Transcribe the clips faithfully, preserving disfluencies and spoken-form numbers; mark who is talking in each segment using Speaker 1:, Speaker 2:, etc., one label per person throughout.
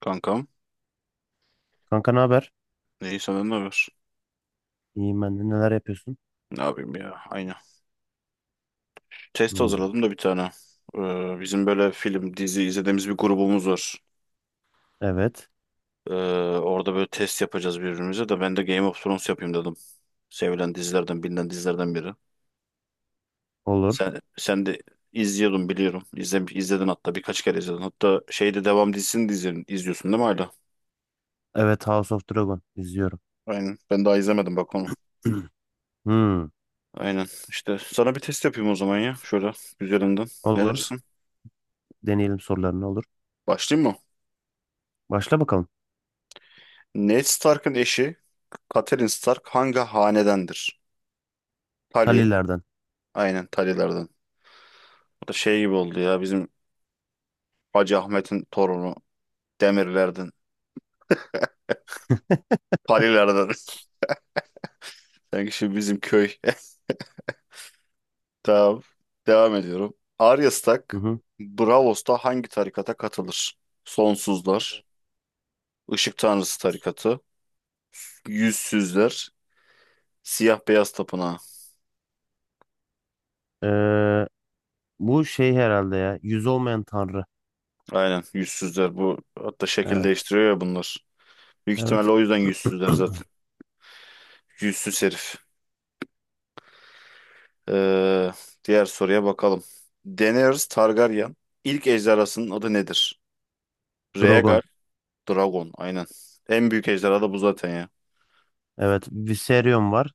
Speaker 1: Kankam.
Speaker 2: Kanka ne haber?
Speaker 1: İyi senden ne haber?
Speaker 2: İyiyim ben de. Neler yapıyorsun?
Speaker 1: Ne yapayım ya? Aynen. Test
Speaker 2: Hmm.
Speaker 1: hazırladım da bir tane. Ee, bizim böyle film, dizi izlediğimiz bir grubumuz var.
Speaker 2: Evet.
Speaker 1: Ee, Orada böyle test yapacağız birbirimize de ben de Game of Thrones yapayım dedim. Sevilen dizilerden, bilinen dizilerden biri.
Speaker 2: Olur.
Speaker 1: Sen, sen de izliyordun biliyorum. İzle, izledin hatta birkaç kere izledin. Hatta şeyde devam dizisini de izledin, izliyorsun değil mi hala?
Speaker 2: Evet, House of Dragon izliyorum.
Speaker 1: Aynen. Ben daha izlemedim bak onu.
Speaker 2: Hmm.
Speaker 1: Aynen. İşte sana bir test yapayım o zaman ya. Şöyle üzerinden. Ne
Speaker 2: Olur.
Speaker 1: dersin?
Speaker 2: Deneyelim sorularını olur.
Speaker 1: Başlayayım mı?
Speaker 2: Başla bakalım.
Speaker 1: Ned Stark'ın eşi Catelyn Stark hangi hanedendir? Tully.
Speaker 2: Talilerden.
Speaker 1: Aynen Tully'lerden. Bu da şey gibi oldu ya bizim Hacı Ahmet'in torunu Demirlerden. Tully'lerden. Sanki şimdi bizim köy. Tamam. Devam ediyorum. Arya
Speaker 2: Hı
Speaker 1: Stark
Speaker 2: hı.
Speaker 1: Braavos'ta hangi tarikata katılır? Sonsuzlar, Işık Tanrısı tarikatı, Yüzsüzler, Siyah Beyaz Tapınağı.
Speaker 2: Ee, Bu şey herhalde ya. Yüz olmayan tanrı.
Speaker 1: Aynen Yüzsüzler. Bu hatta şekil
Speaker 2: Evet.
Speaker 1: değiştiriyor ya bunlar. Büyük
Speaker 2: Evet.
Speaker 1: ihtimalle o yüzden yüzsüzler zaten. Yüzsüz herif. Ee, Diğer soruya bakalım. Daenerys Targaryen ilk ejderhasının adı nedir?
Speaker 2: Dragon.
Speaker 1: Rhaegar Dragon. Aynen. En büyük ejderha da bu zaten ya.
Speaker 2: Evet. Viserion var.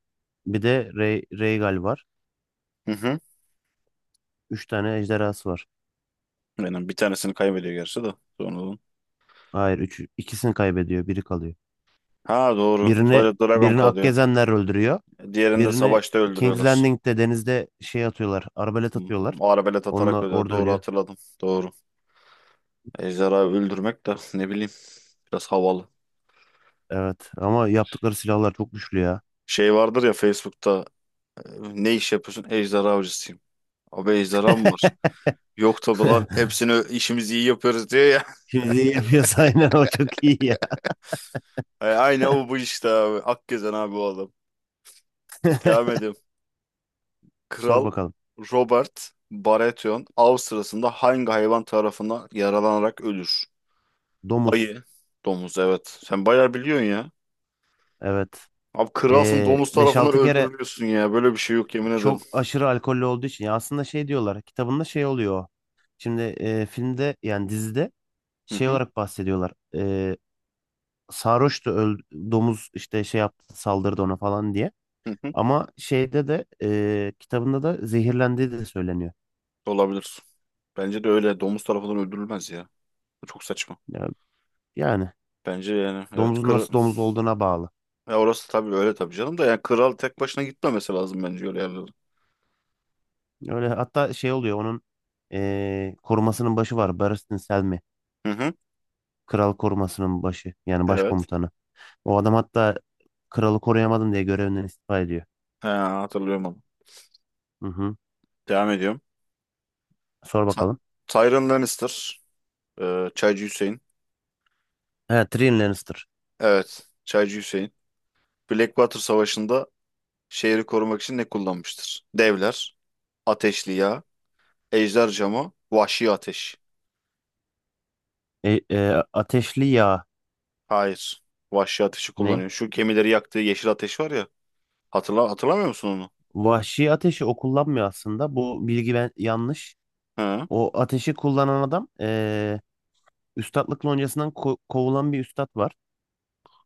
Speaker 2: Bir de Rey Rhaegal var.
Speaker 1: Hı hı.
Speaker 2: Üç tane ejderhası var.
Speaker 1: Aynen. Bir tanesini kaybediyor gerçi de. Sonradan.
Speaker 2: Hayır. Üç, ikisini kaybediyor. Biri kalıyor.
Speaker 1: Ha doğru.
Speaker 2: Birini
Speaker 1: Sadece Dragon
Speaker 2: birini
Speaker 1: kalıyor.
Speaker 2: Akgezenler öldürüyor.
Speaker 1: Diğerini de
Speaker 2: Birini
Speaker 1: savaşta
Speaker 2: King's
Speaker 1: öldürüyorlar.
Speaker 2: Landing'de denizde şey atıyorlar. Arbalet
Speaker 1: Hı,
Speaker 2: atıyorlar.
Speaker 1: Arabelet atarak
Speaker 2: Onunla
Speaker 1: öldürüyor.
Speaker 2: orada
Speaker 1: Doğru
Speaker 2: ölüyor.
Speaker 1: hatırladım. Doğru. Ejderha öldürmek de ne bileyim biraz havalı.
Speaker 2: Evet ama yaptıkları silahlar çok güçlü ya.
Speaker 1: Şey vardır ya Facebook'ta e, ne iş yapıyorsun? Ejderha avcısıyım. Abi ejderha mı var? Yok tabi lan hepsini işimizi iyi yapıyoruz diyor ya.
Speaker 2: Şimdi iyi yapıyorsa aynen o çok iyi ya.
Speaker 1: Ay, aynen o bu işte abi. Akgezen abi o adam. Devam edelim.
Speaker 2: Sor
Speaker 1: Kral
Speaker 2: bakalım.
Speaker 1: Robert Baratheon av sırasında hangi hayvan tarafından yaralanarak ölür?
Speaker 2: Domuz.
Speaker 1: Ayı. Domuz evet. Sen bayağı biliyorsun ya.
Speaker 2: Evet.
Speaker 1: Abi kralsın
Speaker 2: Ee,
Speaker 1: domuz tarafından
Speaker 2: beş altı kere
Speaker 1: öldürülüyorsun ya. Böyle bir şey yok yemin ederim.
Speaker 2: çok aşırı alkollü olduğu için ya aslında şey diyorlar kitabında şey oluyor. O. Şimdi e, filmde yani dizide
Speaker 1: Hı
Speaker 2: şey
Speaker 1: hı,
Speaker 2: olarak bahsediyorlar. Ee, sarhoştu öl- domuz işte şey yaptı, saldırdı ona falan diye.
Speaker 1: hı hı.
Speaker 2: Ama şeyde de e, kitabında da zehirlendiği de söyleniyor.
Speaker 1: Olabilir. Bence de öyle. Domuz tarafından öldürülmez ya. Bu çok saçma.
Speaker 2: Ya- Yani
Speaker 1: Bence yani evet.
Speaker 2: domuzun
Speaker 1: Kır...
Speaker 2: nasıl domuz olduğuna bağlı.
Speaker 1: Ya orası tabii öyle tabii canım da yani kral tek başına gitmemesi lazım bence öyle yerlere.
Speaker 2: Öyle hatta şey oluyor onun e, korumasının başı var. Barristan Selmy.
Speaker 1: Hı hı.
Speaker 2: Kral korumasının başı. Yani
Speaker 1: Evet.
Speaker 2: başkomutanı. O adam hatta kralı koruyamadım diye görevinden istifa ediyor.
Speaker 1: He, hatırlıyorum onu.
Speaker 2: Hı hı.
Speaker 1: Devam ediyorum.
Speaker 2: Sor
Speaker 1: Ta-
Speaker 2: bakalım.
Speaker 1: Tyrion Lannister. e, Çaycı Hüseyin.
Speaker 2: He, Tyrion Lannister.
Speaker 1: Evet. Çaycı Hüseyin. Blackwater Savaşı'nda şehri korumak için ne kullanmıştır? Devler, ateşli yağ, ejder camı, vahşi ateş.
Speaker 2: E, e, ateşli yağ
Speaker 1: Hayır. Vahşi ateşi
Speaker 2: ne?
Speaker 1: kullanıyor. Şu gemileri yaktığı yeşil ateş var ya. Hatırla hatırlamıyor musun onu?
Speaker 2: Vahşi ateşi o kullanmıyor aslında. Bu bilgi ben yanlış.
Speaker 1: Hı.
Speaker 2: O ateşi kullanan adam, e, üstatlık loncasından ko- kovulan bir üstat var.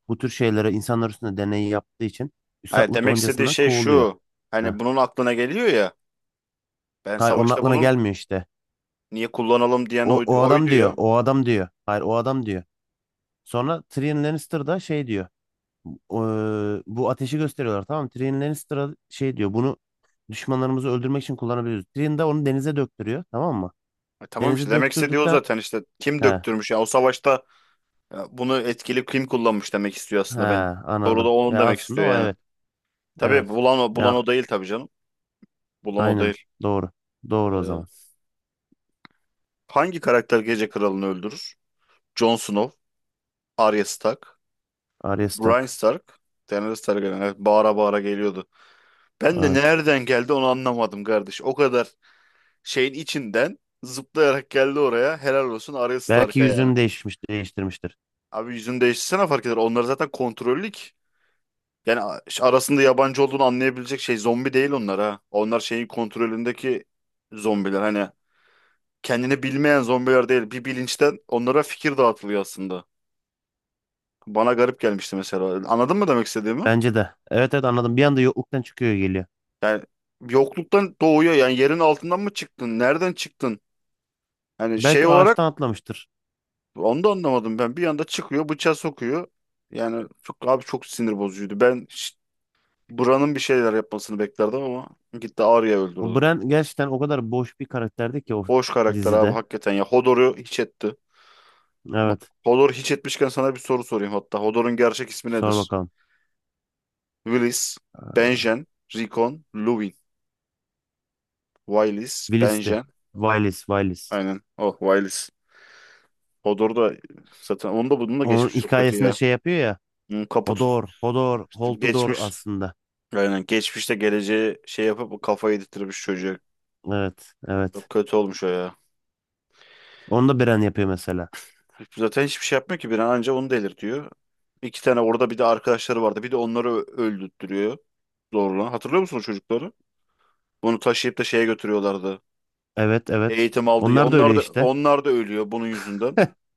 Speaker 2: Bu tür şeylere insanlar üstünde deneyi yaptığı için
Speaker 1: Hayır,
Speaker 2: üstatlık
Speaker 1: demek istediği
Speaker 2: loncasından
Speaker 1: şey
Speaker 2: kovuluyor.
Speaker 1: şu.
Speaker 2: Heh.
Speaker 1: Hani bunun aklına geliyor ya. Ben
Speaker 2: Hayır, onun
Speaker 1: savaşta
Speaker 2: aklına
Speaker 1: bunun
Speaker 2: gelmiyor işte.
Speaker 1: niye kullanalım diyen
Speaker 2: O,
Speaker 1: oydu,
Speaker 2: o adam
Speaker 1: oydu
Speaker 2: diyor.
Speaker 1: ya.
Speaker 2: O adam diyor. Hayır, o adam diyor. Sonra Tyrion Lannister da şey diyor. "O, e, bu ateşi gösteriyorlar, tamam mı? Tyrion Lannister'a şey diyor. Bunu düşmanlarımızı öldürmek için kullanabiliriz. Tyrion da onu denize döktürüyor, tamam mı?
Speaker 1: E tamam işte
Speaker 2: Denize
Speaker 1: demek istediği o
Speaker 2: döktürdükten
Speaker 1: zaten işte kim
Speaker 2: he,
Speaker 1: döktürmüş ya o savaşta ya bunu etkili kim kullanmış demek istiyor
Speaker 2: he,
Speaker 1: aslında ben. Soru da
Speaker 2: anladım.
Speaker 1: onun
Speaker 2: Ya
Speaker 1: demek
Speaker 2: aslında
Speaker 1: istiyor
Speaker 2: o,
Speaker 1: yani.
Speaker 2: evet.
Speaker 1: Tabii
Speaker 2: Evet.
Speaker 1: bulan o, bulan
Speaker 2: Ya,
Speaker 1: o değil tabii canım. Bulan o
Speaker 2: aynen.
Speaker 1: değil.
Speaker 2: Doğru. Doğru o
Speaker 1: Ee,
Speaker 2: zaman.
Speaker 1: Hangi karakter Gece Kralı'nı öldürür? Jon Snow, Arya Stark,
Speaker 2: Ares
Speaker 1: Bryan
Speaker 2: tak.
Speaker 1: Stark, Daenerys Targaryen. Evet, bağıra bağıra geliyordu. Ben de
Speaker 2: Evet.
Speaker 1: nereden geldi onu anlamadım kardeş. O kadar şeyin içinden zıplayarak geldi oraya. Helal olsun Arya
Speaker 2: Belki
Speaker 1: Stark'a yani.
Speaker 2: yüzünü değişmiş, değiştirmiştir.
Speaker 1: Abi yüzünü değiştirsene fark eder. Onlar zaten kontrollük. Yani a- arasında yabancı olduğunu anlayabilecek şey zombi değil onlar ha. Onlar şeyin kontrolündeki zombiler. Hani kendini bilmeyen zombiler değil. Bir bilinçten onlara fikir dağıtılıyor aslında. Bana garip gelmişti mesela. Anladın mı demek istediğimi?
Speaker 2: Bence de. Evet, evet, anladım. Bir anda yokluktan çıkıyor, geliyor.
Speaker 1: Yani yokluktan doğuyor. Yani yerin altından mı çıktın? Nereden çıktın? Yani şey
Speaker 2: Belki
Speaker 1: olarak
Speaker 2: ağaçtan atlamıştır.
Speaker 1: onu da anlamadım ben. Bir anda çıkıyor, bıçağı sokuyor. Yani çok abi çok sinir bozucuydu. Ben ş- buranın bir şeyler yapmasını beklerdim ama gitti Arya'yı
Speaker 2: O
Speaker 1: öldürdü.
Speaker 2: Bran gerçekten o kadar boş bir karakterdi ki o
Speaker 1: Boş karakter abi
Speaker 2: dizide.
Speaker 1: hakikaten ya. Hodor'u hiç etti. Bak,
Speaker 2: Evet.
Speaker 1: Hodor hiç etmişken sana bir soru sorayım hatta. Hodor'un gerçek ismi
Speaker 2: Sor
Speaker 1: nedir?
Speaker 2: bakalım.
Speaker 1: Willis,
Speaker 2: Ee,
Speaker 1: Benjen, Rickon, Luwin. Willis,
Speaker 2: Willis'ti.
Speaker 1: Benjen.
Speaker 2: Willis, Willis.
Speaker 1: Aynen. Oh, Willis. Hodor da zaten onun da bunun da
Speaker 2: Onun
Speaker 1: geçmiş çok kötü
Speaker 2: hikayesinde
Speaker 1: ya.
Speaker 2: şey yapıyor ya.
Speaker 1: Bunun kapı tut
Speaker 2: Hodor, Hodor,
Speaker 1: işte
Speaker 2: Holtudor
Speaker 1: geçmiş.
Speaker 2: aslında.
Speaker 1: Aynen. Geçmişte geleceği şey yapıp kafayı yedirtmiş çocuğa.
Speaker 2: Evet,
Speaker 1: Çok
Speaker 2: evet.
Speaker 1: kötü olmuş o ya.
Speaker 2: Onu da Bran yapıyor mesela.
Speaker 1: Zaten hiçbir şey yapmıyor ki bir an anca onu delirtiyor. İki tane orada bir de arkadaşları vardı. Bir de onları ö- öldürttürüyor zorla. Hatırlıyor musun o çocukları? Bunu taşıyıp da şeye götürüyorlardı.
Speaker 2: Evet, evet.
Speaker 1: Eğitim aldı ya.
Speaker 2: Onlar da
Speaker 1: Onlar
Speaker 2: öyle
Speaker 1: da
Speaker 2: işte.
Speaker 1: onlar da ölüyor bunun yüzünden.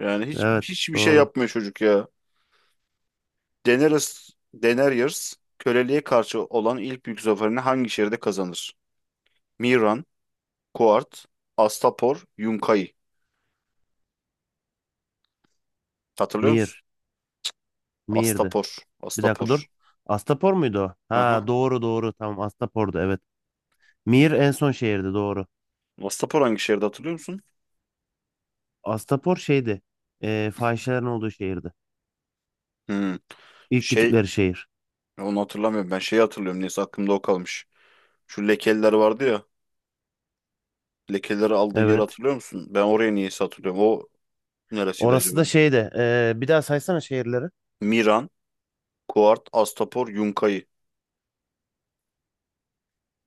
Speaker 1: Yani hiç
Speaker 2: Evet,
Speaker 1: hiçbir şey
Speaker 2: doğru.
Speaker 1: yapmıyor çocuk ya. Daenerys, Daenerys köleliğe karşı olan ilk büyük zaferini hangi şehirde kazanır? Miran, Kuart, Astapor, Yunkai. Hatırlıyor musun?
Speaker 2: Mir, Mir'di.
Speaker 1: Astapor.
Speaker 2: Bir dakika
Speaker 1: Astapor.
Speaker 2: dur. Astapor muydu o? Ha,
Speaker 1: Aha.
Speaker 2: doğru, doğru. Tamam, Astapor'du evet. Mir en son şehirdi, doğru.
Speaker 1: Astapor hangi şehirde hatırlıyor musun?
Speaker 2: Astapor şeydi. E, fahişelerin olduğu şehirdi.
Speaker 1: Hmm.
Speaker 2: İlk
Speaker 1: Şey
Speaker 2: gittikleri şehir.
Speaker 1: onu hatırlamıyorum. Ben şeyi hatırlıyorum. Neyse aklımda o kalmış. Şu lekeler vardı ya. Lekeleri aldığı yeri
Speaker 2: Evet.
Speaker 1: hatırlıyor musun? Ben oraya niyeyse hatırlıyorum. O neresiydi
Speaker 2: Orası
Speaker 1: acaba?
Speaker 2: da şeydi. E, bir daha saysana şehirleri.
Speaker 1: Miran, Kuart, Astapor, Yunkayı.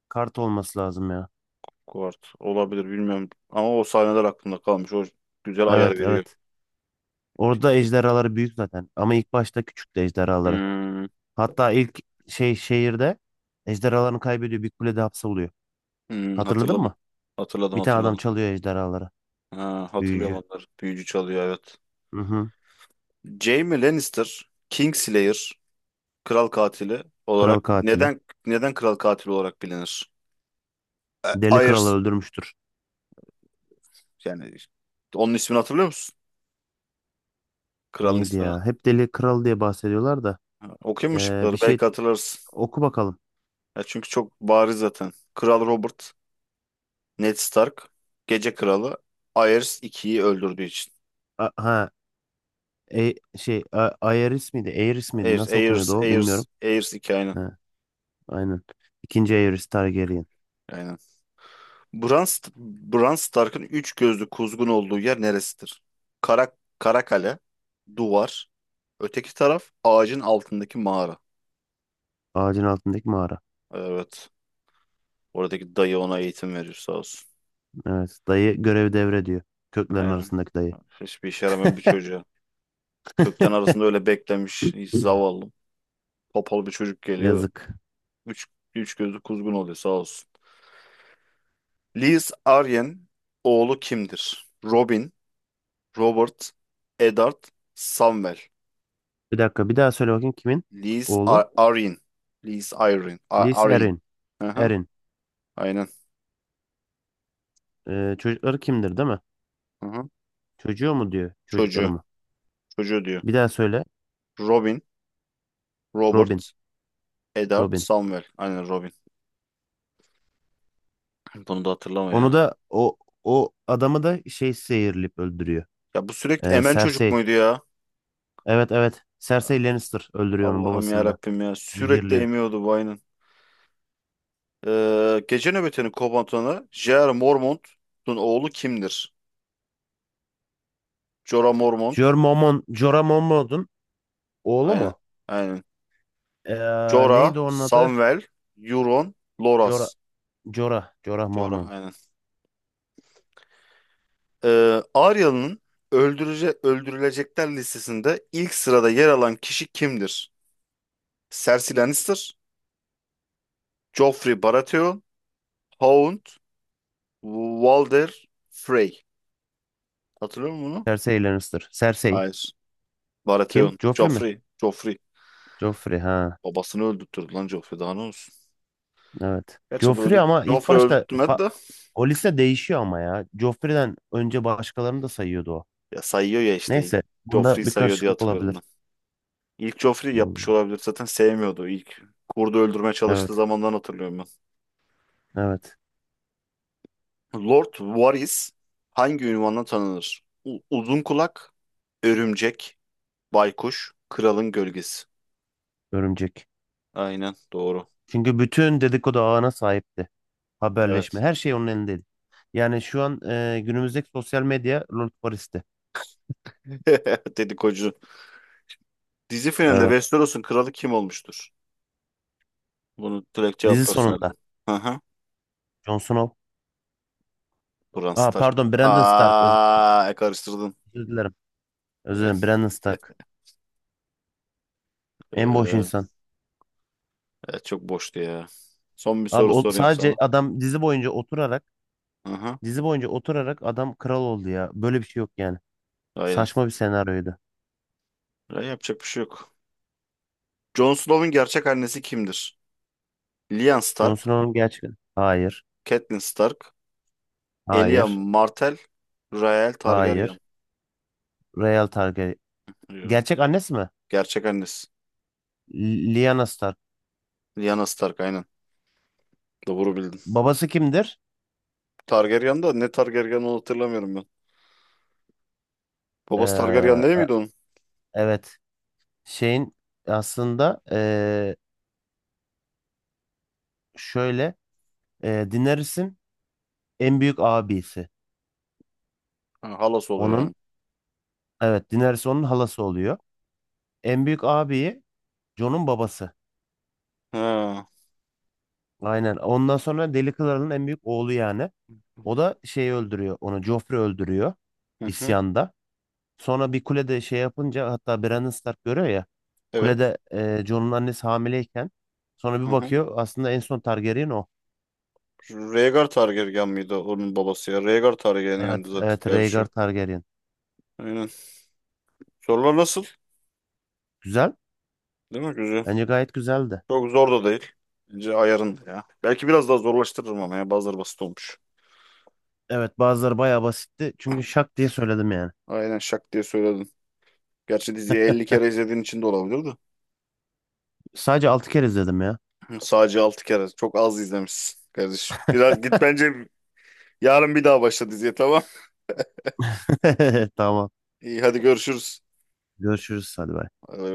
Speaker 2: Kart olması lazım ya.
Speaker 1: Kuart olabilir bilmiyorum. Ama o sahneler aklımda kalmış. O güzel ayar
Speaker 2: Evet,
Speaker 1: veriyor.
Speaker 2: evet. Orada ejderhaları büyük zaten. Ama ilk başta küçüktü ejderhaları.
Speaker 1: Hmm,
Speaker 2: Hatta ilk şey şehirde ejderhalarını kaybediyor. Bir kulede hapsoluyor.
Speaker 1: hmm,
Speaker 2: Hatırladın
Speaker 1: hatırladım.
Speaker 2: mı?
Speaker 1: Hatırladım
Speaker 2: Bir tane adam
Speaker 1: hatırladım.
Speaker 2: çalıyor ejderhaları.
Speaker 1: Ha, hatırlıyorum
Speaker 2: Büyücü.
Speaker 1: onları. Büyücü çalıyor evet.
Speaker 2: Hı hı.
Speaker 1: Jaime Lannister, Kingslayer, kral katili
Speaker 2: Kral
Speaker 1: olarak
Speaker 2: katili.
Speaker 1: neden neden kral katili olarak bilinir? E,
Speaker 2: Deli Kral'ı
Speaker 1: Aerys.
Speaker 2: öldürmüştür.
Speaker 1: Yani onun ismini hatırlıyor musun? Kralın
Speaker 2: Neydi
Speaker 1: ismini.
Speaker 2: ya? Hep Deli Kral diye bahsediyorlar da.
Speaker 1: Ha, okuyayım mı
Speaker 2: Ee, bir
Speaker 1: şıkları?
Speaker 2: şey
Speaker 1: Belki hatırlarsın.
Speaker 2: oku bakalım.
Speaker 1: Ya çünkü çok bariz zaten. Kral Robert, Ned Stark, Gece Kralı, Aerys ikiyi öldürdüğü için.
Speaker 2: A- ha, e- şey, A- Aerys miydi? Aerys miydi?
Speaker 1: Aerys,
Speaker 2: Nasıl
Speaker 1: Aerys,
Speaker 2: okunuyordu o
Speaker 1: Aerys,
Speaker 2: bilmiyorum.
Speaker 1: Aerys iki aynen.
Speaker 2: Ha, aynen. İkinci Aerys Targaryen.
Speaker 1: Aynen. Bran, St- Bran Stark'ın üç gözlü kuzgun olduğu yer neresidir? Kara, Karakale, duvar, öteki taraf ağacın altındaki mağara.
Speaker 2: Ağacın altındaki mağara.
Speaker 1: Evet. Oradaki dayı ona eğitim veriyor sağ olsun.
Speaker 2: Evet. Dayı görev devrediyor. Köklerin
Speaker 1: Aynen.
Speaker 2: arasındaki dayı.
Speaker 1: Hiçbir işe yaramayan bir çocuğa. Kökten arasında öyle beklemiş. Hiç zavallı. Topal bir çocuk geliyor.
Speaker 2: Yazık.
Speaker 1: Üç, Üç gözlü kuzgun oluyor sağ olsun. Liz Aryen oğlu kimdir? Robin, Robert, Eddard, Samwell.
Speaker 2: Bir dakika, bir daha söyle bakayım, kimin
Speaker 1: Liz
Speaker 2: oğlu?
Speaker 1: Ar Arryn. Liz Arryn. Ar
Speaker 2: Lys
Speaker 1: Arryn.
Speaker 2: Erin.
Speaker 1: Hı hı,
Speaker 2: Erin.
Speaker 1: aynen.
Speaker 2: Ee, çocukları kimdir değil mi?
Speaker 1: Hı hı.
Speaker 2: Çocuğu mu diyor çocukları
Speaker 1: Çocuğu.
Speaker 2: mı?
Speaker 1: Çocuğu diyor.
Speaker 2: Bir daha söyle.
Speaker 1: Robin, Robert,
Speaker 2: Robin.
Speaker 1: Eddard,
Speaker 2: Robin.
Speaker 1: Samwell. Aynen Robin. Bunu da hatırlamıyor
Speaker 2: Onu
Speaker 1: ya.
Speaker 2: da o o adamı da şey zehirleyip öldürüyor.
Speaker 1: Ya bu sürekli
Speaker 2: Ee,
Speaker 1: emen çocuk
Speaker 2: Cersei.
Speaker 1: muydu ya?
Speaker 2: Evet, evet. Cersei Lannister öldürüyor onun
Speaker 1: Allah'ım ya
Speaker 2: babasını da.
Speaker 1: Rabbim ya. Sürekli
Speaker 2: Zehirliyor.
Speaker 1: emiyordu bu aynen. Ee, gece nöbetinin komutanı J R. Mormont'un oğlu kimdir? Jorah Mormont.
Speaker 2: Jor Mormont, Jorah Mormont'un oğlu
Speaker 1: Aynen.
Speaker 2: mu?
Speaker 1: Aynen.
Speaker 2: Ee,
Speaker 1: Jorah,
Speaker 2: neydi onun adı?
Speaker 1: Samwell, Euron,
Speaker 2: Jorah,
Speaker 1: Loras.
Speaker 2: Jorah, Jorah
Speaker 1: Jorah
Speaker 2: Mormont.
Speaker 1: aynen. Ee, Arya'nın öldürece öldürülecekler listesinde ilk sırada yer alan kişi kimdir? Cersei Lannister, Joffrey Baratheon, Hound, Walder Frey. Hatırlıyor musun bunu?
Speaker 2: Cersei Lannister. Cersei.
Speaker 1: Hayır.
Speaker 2: Kim?
Speaker 1: Baratheon.
Speaker 2: Joffrey mi?
Speaker 1: Joffrey. Joffrey.
Speaker 2: Joffrey ha.
Speaker 1: Babasını öldürttürdü lan Joffrey. Daha ne olsun?
Speaker 2: Evet.
Speaker 1: Gerçi bu
Speaker 2: Joffrey
Speaker 1: öldü.
Speaker 2: ama ilk
Speaker 1: Joffrey
Speaker 2: başta
Speaker 1: öldürtmedi
Speaker 2: fa-
Speaker 1: de.
Speaker 2: o liste değişiyor ama ya. Joffrey'den önce başkalarını da sayıyordu o.
Speaker 1: Ya sayıyor ya işte ilk.
Speaker 2: Neyse. Bunda
Speaker 1: Joffrey
Speaker 2: bir
Speaker 1: sayıyor diye
Speaker 2: karışıklık
Speaker 1: hatırlıyorum ben.
Speaker 2: olabilir.
Speaker 1: İlk Joffrey yapmış
Speaker 2: Hmm.
Speaker 1: olabilir. Zaten sevmiyordu. İlk kurdu öldürmeye çalıştığı
Speaker 2: Evet.
Speaker 1: zamandan hatırlıyorum
Speaker 2: Evet.
Speaker 1: ben. Lord Varys hangi ünvanla tanınır? U- uzun kulak, örümcek, baykuş, kralın gölgesi.
Speaker 2: Örümcek.
Speaker 1: Aynen doğru.
Speaker 2: Çünkü bütün dedikodu ağına sahipti. Haberleşme.
Speaker 1: Evet.
Speaker 2: Her şey onun elindeydi. Yani şu an e, günümüzdeki sosyal medya Lord Paris'ti.
Speaker 1: Dedikocu. Dizi finalinde
Speaker 2: Evet.
Speaker 1: Westeros'un kralı kim olmuştur? Bunu direkt
Speaker 2: Dizi
Speaker 1: cevaplarsın
Speaker 2: sonunda.
Speaker 1: Erdoğan. Hı hı.
Speaker 2: Jon Snow.
Speaker 1: Bran
Speaker 2: Aa,
Speaker 1: Stark.
Speaker 2: pardon, Brandon Stark. Öz-
Speaker 1: Aa, e, karıştırdın.
Speaker 2: Özür dilerim. Özür dilerim. Brandon Stark. En boş
Speaker 1: Ee,
Speaker 2: insan.
Speaker 1: evet, çok boştu ya. Son bir
Speaker 2: Abi
Speaker 1: soru
Speaker 2: o,
Speaker 1: sorayım
Speaker 2: sadece
Speaker 1: sana.
Speaker 2: adam dizi boyunca oturarak
Speaker 1: Aha,
Speaker 2: dizi boyunca oturarak adam kral oldu ya. Böyle bir şey yok yani.
Speaker 1: aynen.
Speaker 2: Saçma bir senaryoydu.
Speaker 1: Ya, yapacak bir şey yok. Jon Snow'un gerçek annesi kimdir? Lyanna
Speaker 2: Jon
Speaker 1: Stark,
Speaker 2: Snow'un gerçek. Hayır.
Speaker 1: Catelyn Stark, Elia
Speaker 2: Hayır.
Speaker 1: Martell, Rael Targaryen.
Speaker 2: Hayır. Real Targaryen.
Speaker 1: Yo.
Speaker 2: Gerçek annesi mi?
Speaker 1: Gerçek annesi.
Speaker 2: L- Lyanna Stark.
Speaker 1: Lyanna Stark aynen. Doğru bildin.
Speaker 2: Babası kimdir?
Speaker 1: Targaryen da ne Targaryen onu hatırlamıyorum ben.
Speaker 2: Ee,
Speaker 1: Babası Targaryen değil
Speaker 2: a-
Speaker 1: miydi onun?
Speaker 2: evet. Şeyin aslında, ee, şöyle, ee, Daenerys'in en büyük abisi.
Speaker 1: Ha, halası oluyor
Speaker 2: Onun,
Speaker 1: yani.
Speaker 2: evet, Daenerys onun halası oluyor. En büyük abiyi, Jon'un babası.
Speaker 1: Ha.
Speaker 2: Aynen. Ondan sonra Deli Kralı'nın en büyük oğlu yani. O da şeyi öldürüyor. Onu Joffrey öldürüyor
Speaker 1: Hı hı.
Speaker 2: isyanda. Sonra bir kulede şey yapınca hatta Brandon Stark görüyor ya.
Speaker 1: Evet.
Speaker 2: Kulede ee, Jon'un annesi hamileyken sonra
Speaker 1: Hı
Speaker 2: bir
Speaker 1: hı.
Speaker 2: bakıyor aslında en son Targaryen o.
Speaker 1: Rhaegar Targaryen miydi onun babası ya? Rhaegar Targaryen
Speaker 2: Evet,
Speaker 1: yandı zaten
Speaker 2: evet, Rhaegar
Speaker 1: kardeşi.
Speaker 2: Targaryen.
Speaker 1: Aynen. Sorular nasıl?
Speaker 2: Güzel.
Speaker 1: Değil mi güzel?
Speaker 2: Bence gayet güzeldi.
Speaker 1: Çok zor da değil. Bence ayarında ya. Belki biraz daha zorlaştırırım ama ya bazıları basit olmuş.
Speaker 2: Evet, bazıları bayağı basitti. Çünkü şak diye söyledim yani.
Speaker 1: Aynen şak diye söyledin. Gerçi diziyi elli kere izlediğin için de olabilir de.
Speaker 2: Sadece altı kere izledim ya.
Speaker 1: Hı, sadece altı kere. Çok az izlemişsin kardeşim. Biraz git bence yarın bir daha başla diziye tamam.
Speaker 2: Tamam.
Speaker 1: İyi hadi görüşürüz.
Speaker 2: Görüşürüz hadi.
Speaker 1: Hadi bay bay.